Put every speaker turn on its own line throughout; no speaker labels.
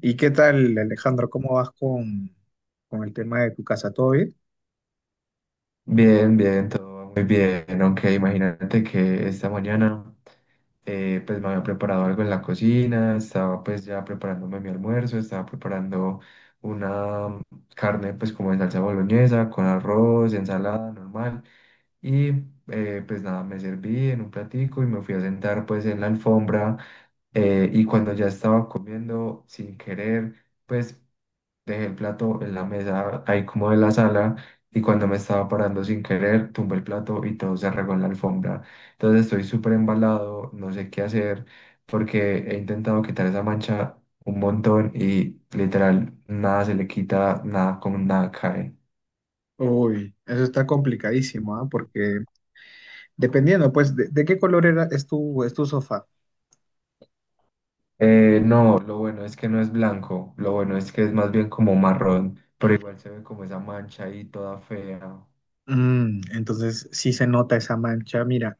¿Y qué tal, Alejandro? ¿Cómo vas con el tema de tu casa? ¿Todo bien?
Bien, bien, todo va muy bien. Aunque imagínate que esta mañana pues me había preparado algo en la cocina, estaba pues ya preparándome mi almuerzo, estaba preparando una carne pues como en salsa boloñesa, con arroz, ensalada normal. Y pues nada, me serví en un platico y me fui a sentar pues en la alfombra y cuando ya estaba comiendo sin querer, pues dejé el plato en la mesa, ahí como de la sala, y cuando me estaba parando sin querer, tumbé el plato y todo se regó en la alfombra. Entonces estoy súper embalado, no sé qué hacer, porque he intentado quitar esa mancha un montón y literal nada se le quita, nada con nada cae.
Uy, eso está complicadísimo, ¿ah? Porque dependiendo, pues, de qué color era, es tu sofá.
No, lo bueno es que no es blanco, lo bueno es que es más bien como marrón, pero igual se ve como esa mancha ahí toda fea,
Mm, entonces, sí se nota esa mancha. Mira,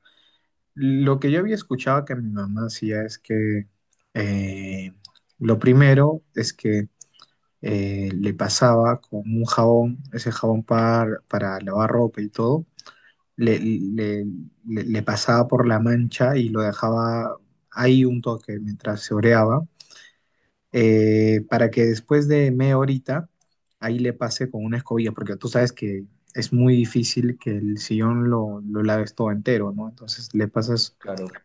lo que yo había escuchado que mi mamá hacía es que eh, lo primero es que le pasaba con un jabón, ese jabón para lavar ropa y todo le, le- le pasaba por la mancha y lo dejaba ahí un toque mientras se oreaba, para que después de media horita ahí le pase con una escobilla, porque tú sabes que es muy difícil que el sillón lo laves todo entero, ¿no? Entonces le pasas
claro.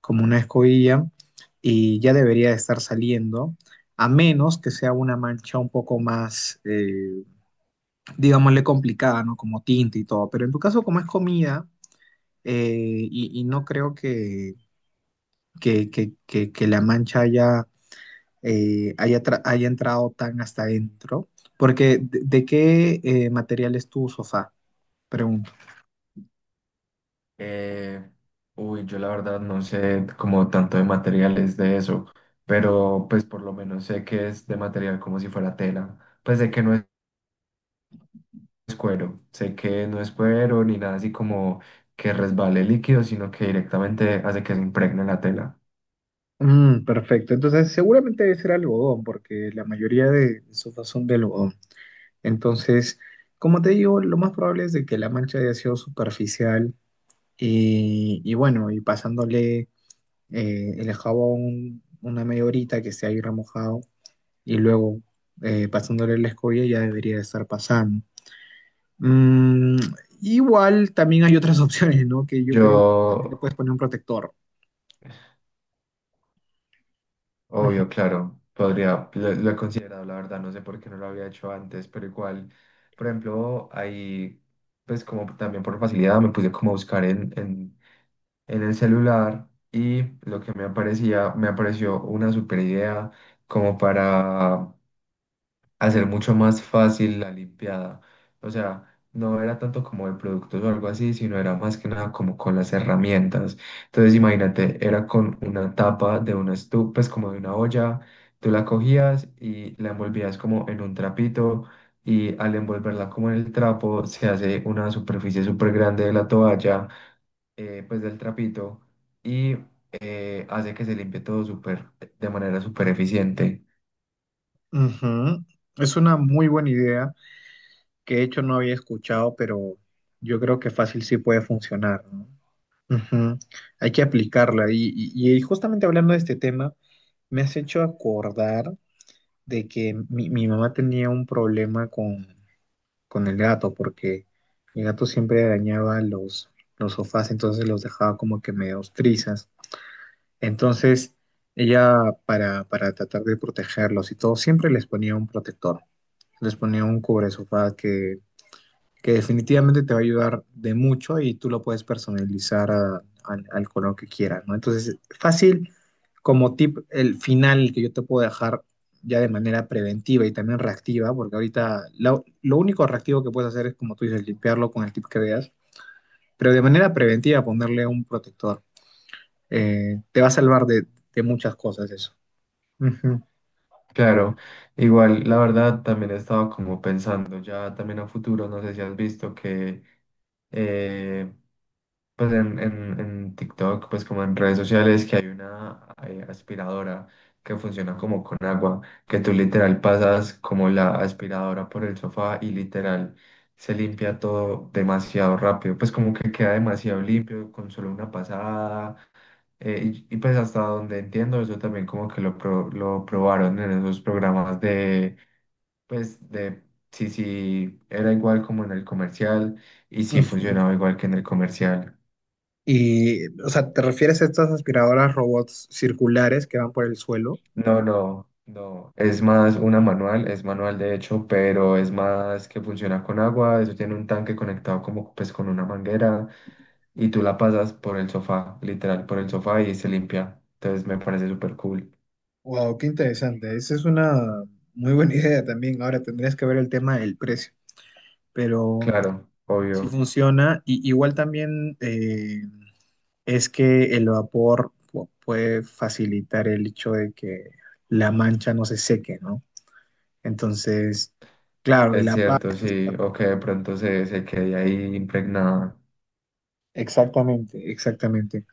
como una escobilla y ya debería de estar saliendo. A menos que sea una mancha un poco más, digámosle, complicada, ¿no? Como tinta y todo. Pero en tu caso, como es comida, y no creo que La Mancha haya, haya entrado tan hasta adentro, porque ¿de qué material es tu sofá? Pregunto.
Eh, uy, yo la verdad no sé como tanto de materiales de eso, pero pues por lo menos sé que es de material como si fuera tela. Pues sé que no es cuero, sé que no es cuero ni nada así como que resbale líquido, sino que directamente hace que se impregne la tela.
Mm, perfecto, entonces seguramente debe ser algodón, porque la mayoría de sofás son de algodón. Entonces, como te digo, lo más probable es de que la mancha haya sido superficial y bueno, y pasándole el jabón una media horita que esté ahí remojado y luego pasándole la escoria ya debería de estar pasando. Mm, igual también hay otras opciones, ¿no? Que yo creo que también le
Yo,
puedes poner un protector.
obvio, claro, podría, lo he considerado, la verdad, no sé por qué no lo había hecho antes, pero igual, por ejemplo, ahí, pues como también por facilidad me puse como a buscar en el celular y lo que me aparecía, me apareció una super idea como para hacer mucho más fácil la limpiada. O sea, no era tanto como de productos o algo así, sino era más que nada como con las herramientas. Entonces, imagínate, era con una tapa de una estufa, pues como de una olla, tú la cogías y la envolvías como en un trapito. Y al envolverla como en el trapo, se hace una superficie súper grande de la toalla pues del trapito y hace que se limpie todo súper, de manera súper eficiente.
Ujú. Es una muy buena idea que de hecho no había escuchado, pero yo creo que fácil sí puede funcionar, ¿no? Ujú. Hay que aplicarla. Y, y justamente hablando de este tema, me has hecho acordar de que mi mamá tenía un problema con el gato, porque el gato siempre arañaba los sofás, entonces los dejaba como que medio trizas. Entonces, ella, para tratar de protegerlos y todo, siempre les ponía un protector, les ponía un cubre sofá que definitivamente te va a ayudar de mucho y tú lo puedes personalizar al color que quieras, ¿no? Entonces, fácil como tip, el final que yo te puedo dejar ya de manera preventiva y también reactiva, porque ahorita lo único reactivo que puedes hacer es, como tú dices, limpiarlo con el tip que veas, pero de manera preventiva ponerle un protector. Te va a salvar de muchas cosas eso. Ujú,
Claro, igual la verdad también he estado como pensando ya también a futuro, no sé si has visto que eh, pues en TikTok, pues como en redes sociales, que hay una aspiradora que funciona como con agua, que tú literal pasas como la aspiradora por el sofá y literal se limpia todo demasiado rápido, pues como que queda demasiado limpio con solo una pasada. Y pues hasta donde entiendo, eso también como que lo, pro- lo probaron en esos programas de, pues de si, si era igual como en el comercial y si
ujú.
funcionaba igual que en el comercial.
Y, o sea, ¿te refieres a estas aspiradoras robots circulares que van por el suelo?
No, no, no. Es más una manual, es manual de hecho, pero es más que funciona con agua. Eso tiene un tanque conectado como pues con una manguera y tú la pasas por el sofá, literal, por el sofá y se limpia. Entonces me parece súper cool.
Wow, qué interesante. Esa es una muy buena idea también. Ahora tendrías que ver el tema del precio, pero
Claro,
si
obvio.
funciona. Y, igual también es que el vapor puede facilitar el hecho de que la mancha no se seque, ¿no? Entonces, claro, y
Es
la paz.
cierto, sí. O que de pronto se, se quede ahí impregnada.
Exactamente, exactamente.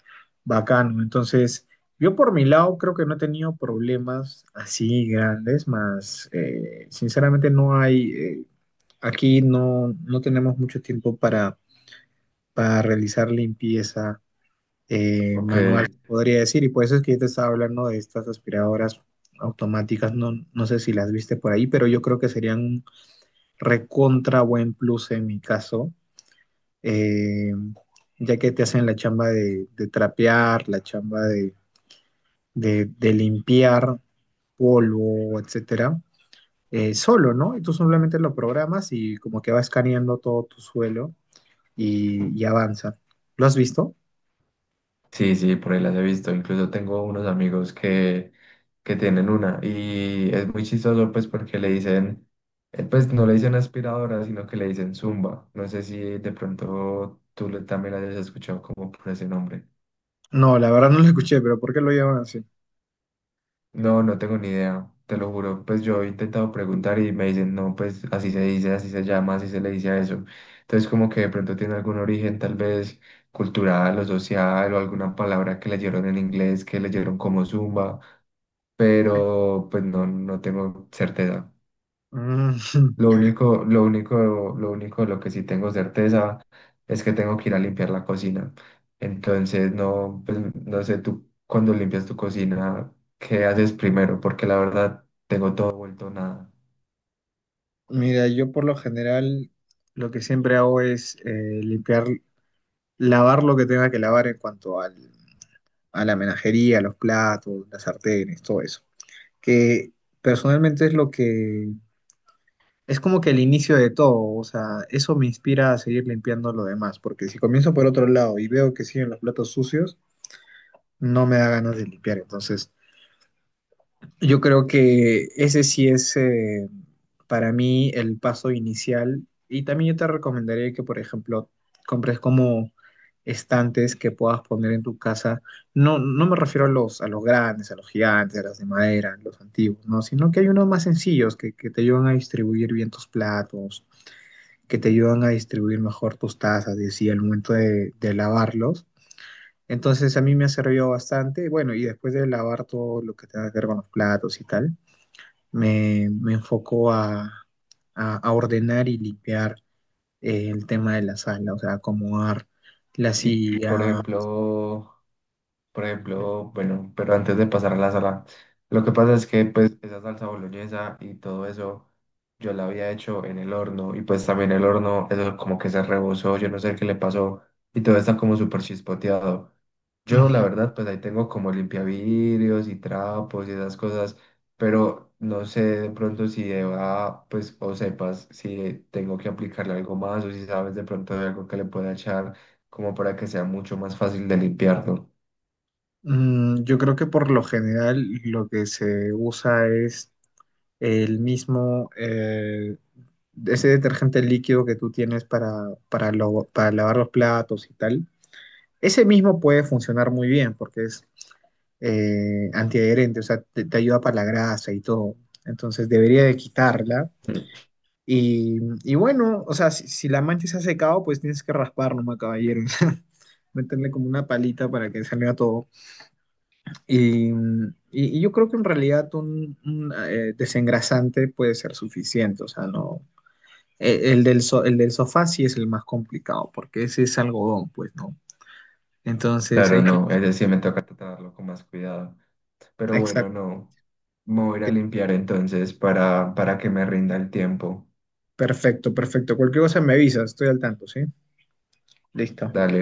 Bacano. Entonces, yo por mi lado creo que no he tenido problemas así grandes, más sinceramente no hay. Eh, aquí no, no tenemos mucho tiempo para realizar limpieza
Ok.
manual, podría decir, y por eso es que yo te estaba hablando de estas aspiradoras automáticas, no, no sé si las viste por ahí, pero yo creo que serían un recontra buen plus en mi caso, eh, ya que te hacen la chamba de trapear, la chamba de limpiar polvo, etcétera, solo, ¿no? Y tú simplemente lo programas y como que va escaneando todo tu suelo y avanza. ¿Lo has visto?
Sí, sí, por ahí las he visto. Incluso tengo unos amigos que tienen una y es muy chistoso pues porque le dicen, pues no le dicen aspiradora, sino que le dicen zumba. No sé si de pronto tú le- también la hayas escuchado como por ese nombre.
No, la verdad no lo escuché, pero ¿por qué lo llaman así?
No, no tengo ni idea, te lo juro. Pues yo he intentado preguntar y me dicen, no, pues así se dice, así se llama, así se le dice a eso. Entonces como que de pronto tiene algún origen tal vez cultural o social o alguna palabra que leyeron en inglés, que leyeron como zumba. Pero pues no, no tengo certeza.
Mm,
Lo único, lo único, lo único, de lo que sí tengo certeza es que tengo que ir a limpiar la cocina. Entonces, no, pues, no sé, tú cuando limpias tu cocina, ¿qué haces primero? Porque la verdad, todo ha vuelto nada.
mira, yo por lo general lo que siempre hago es limpiar, lavar lo que tenga que lavar en cuanto a la menajería, los platos, las sartenes, todo eso. Que personalmente es lo que es como que el inicio de todo, o sea, eso me inspira a seguir limpiando lo demás, porque si comienzo por otro lado y veo que siguen los platos sucios, no me da ganas de limpiar, entonces yo creo que ese sí es para mí el paso inicial, y también yo te recomendaría que, por ejemplo, compres como estantes que puedas poner en tu casa. No, no me refiero a a los grandes, a los gigantes, a los de madera, a los antiguos, ¿no? Sino que hay unos más sencillos que te ayudan a distribuir bien tus platos, que te ayudan a distribuir mejor tus tazas, y así al momento de lavarlos. Entonces a mí me ha servido bastante. Bueno, y después de lavar todo lo que tenga que ver con los platos y tal me enfoco a ordenar y limpiar el tema de la sala, o sea, acomodar la
Y,
silla.
por ejemplo, por ejemplo, bueno, pero antes de pasar a la sala, lo que pasa es que pues esa salsa boloñesa y todo eso yo la había hecho en el horno y pues también el horno, eso como que se rebosó, yo no sé qué le pasó y todo está como súper chispoteado. Yo la
Ujú.
verdad pues ahí tengo como limpiavidrios y trapos y esas cosas, pero no sé de pronto si Eva pues o sepas si tengo que aplicarle algo más o si sabes de pronto de algo que le pueda echar como para que sea mucho más fácil de limpiarlo.
Mm, yo creo que por lo general lo que se usa es el mismo, ese detergente líquido que tú tienes para lavar los platos y tal. Ese mismo puede funcionar muy bien porque es antiadherente, o sea, te ayuda para la grasa y todo. Entonces debería de quitarla. Y, y bueno, o sea, si la mancha se ha secado, pues tienes que raspar nomás, caballero. O sea, meterle como una palita para que salga todo. Y, y yo creo que en realidad desengrasante puede ser suficiente. O sea, no. El, el del sofá sí es el más complicado, porque ese es algodón, pues, ¿no? Entonces,
Claro,
ahí. Ti-
no, ese sí me toca tratarlo con más cuidado. Pero bueno,
exacto.
no, me voy a ir a limpiar entonces para que me rinda el tiempo.
Perfecto, perfecto. Cualquier cosa me avisas, estoy al tanto, ¿sí? Listo.
Dale.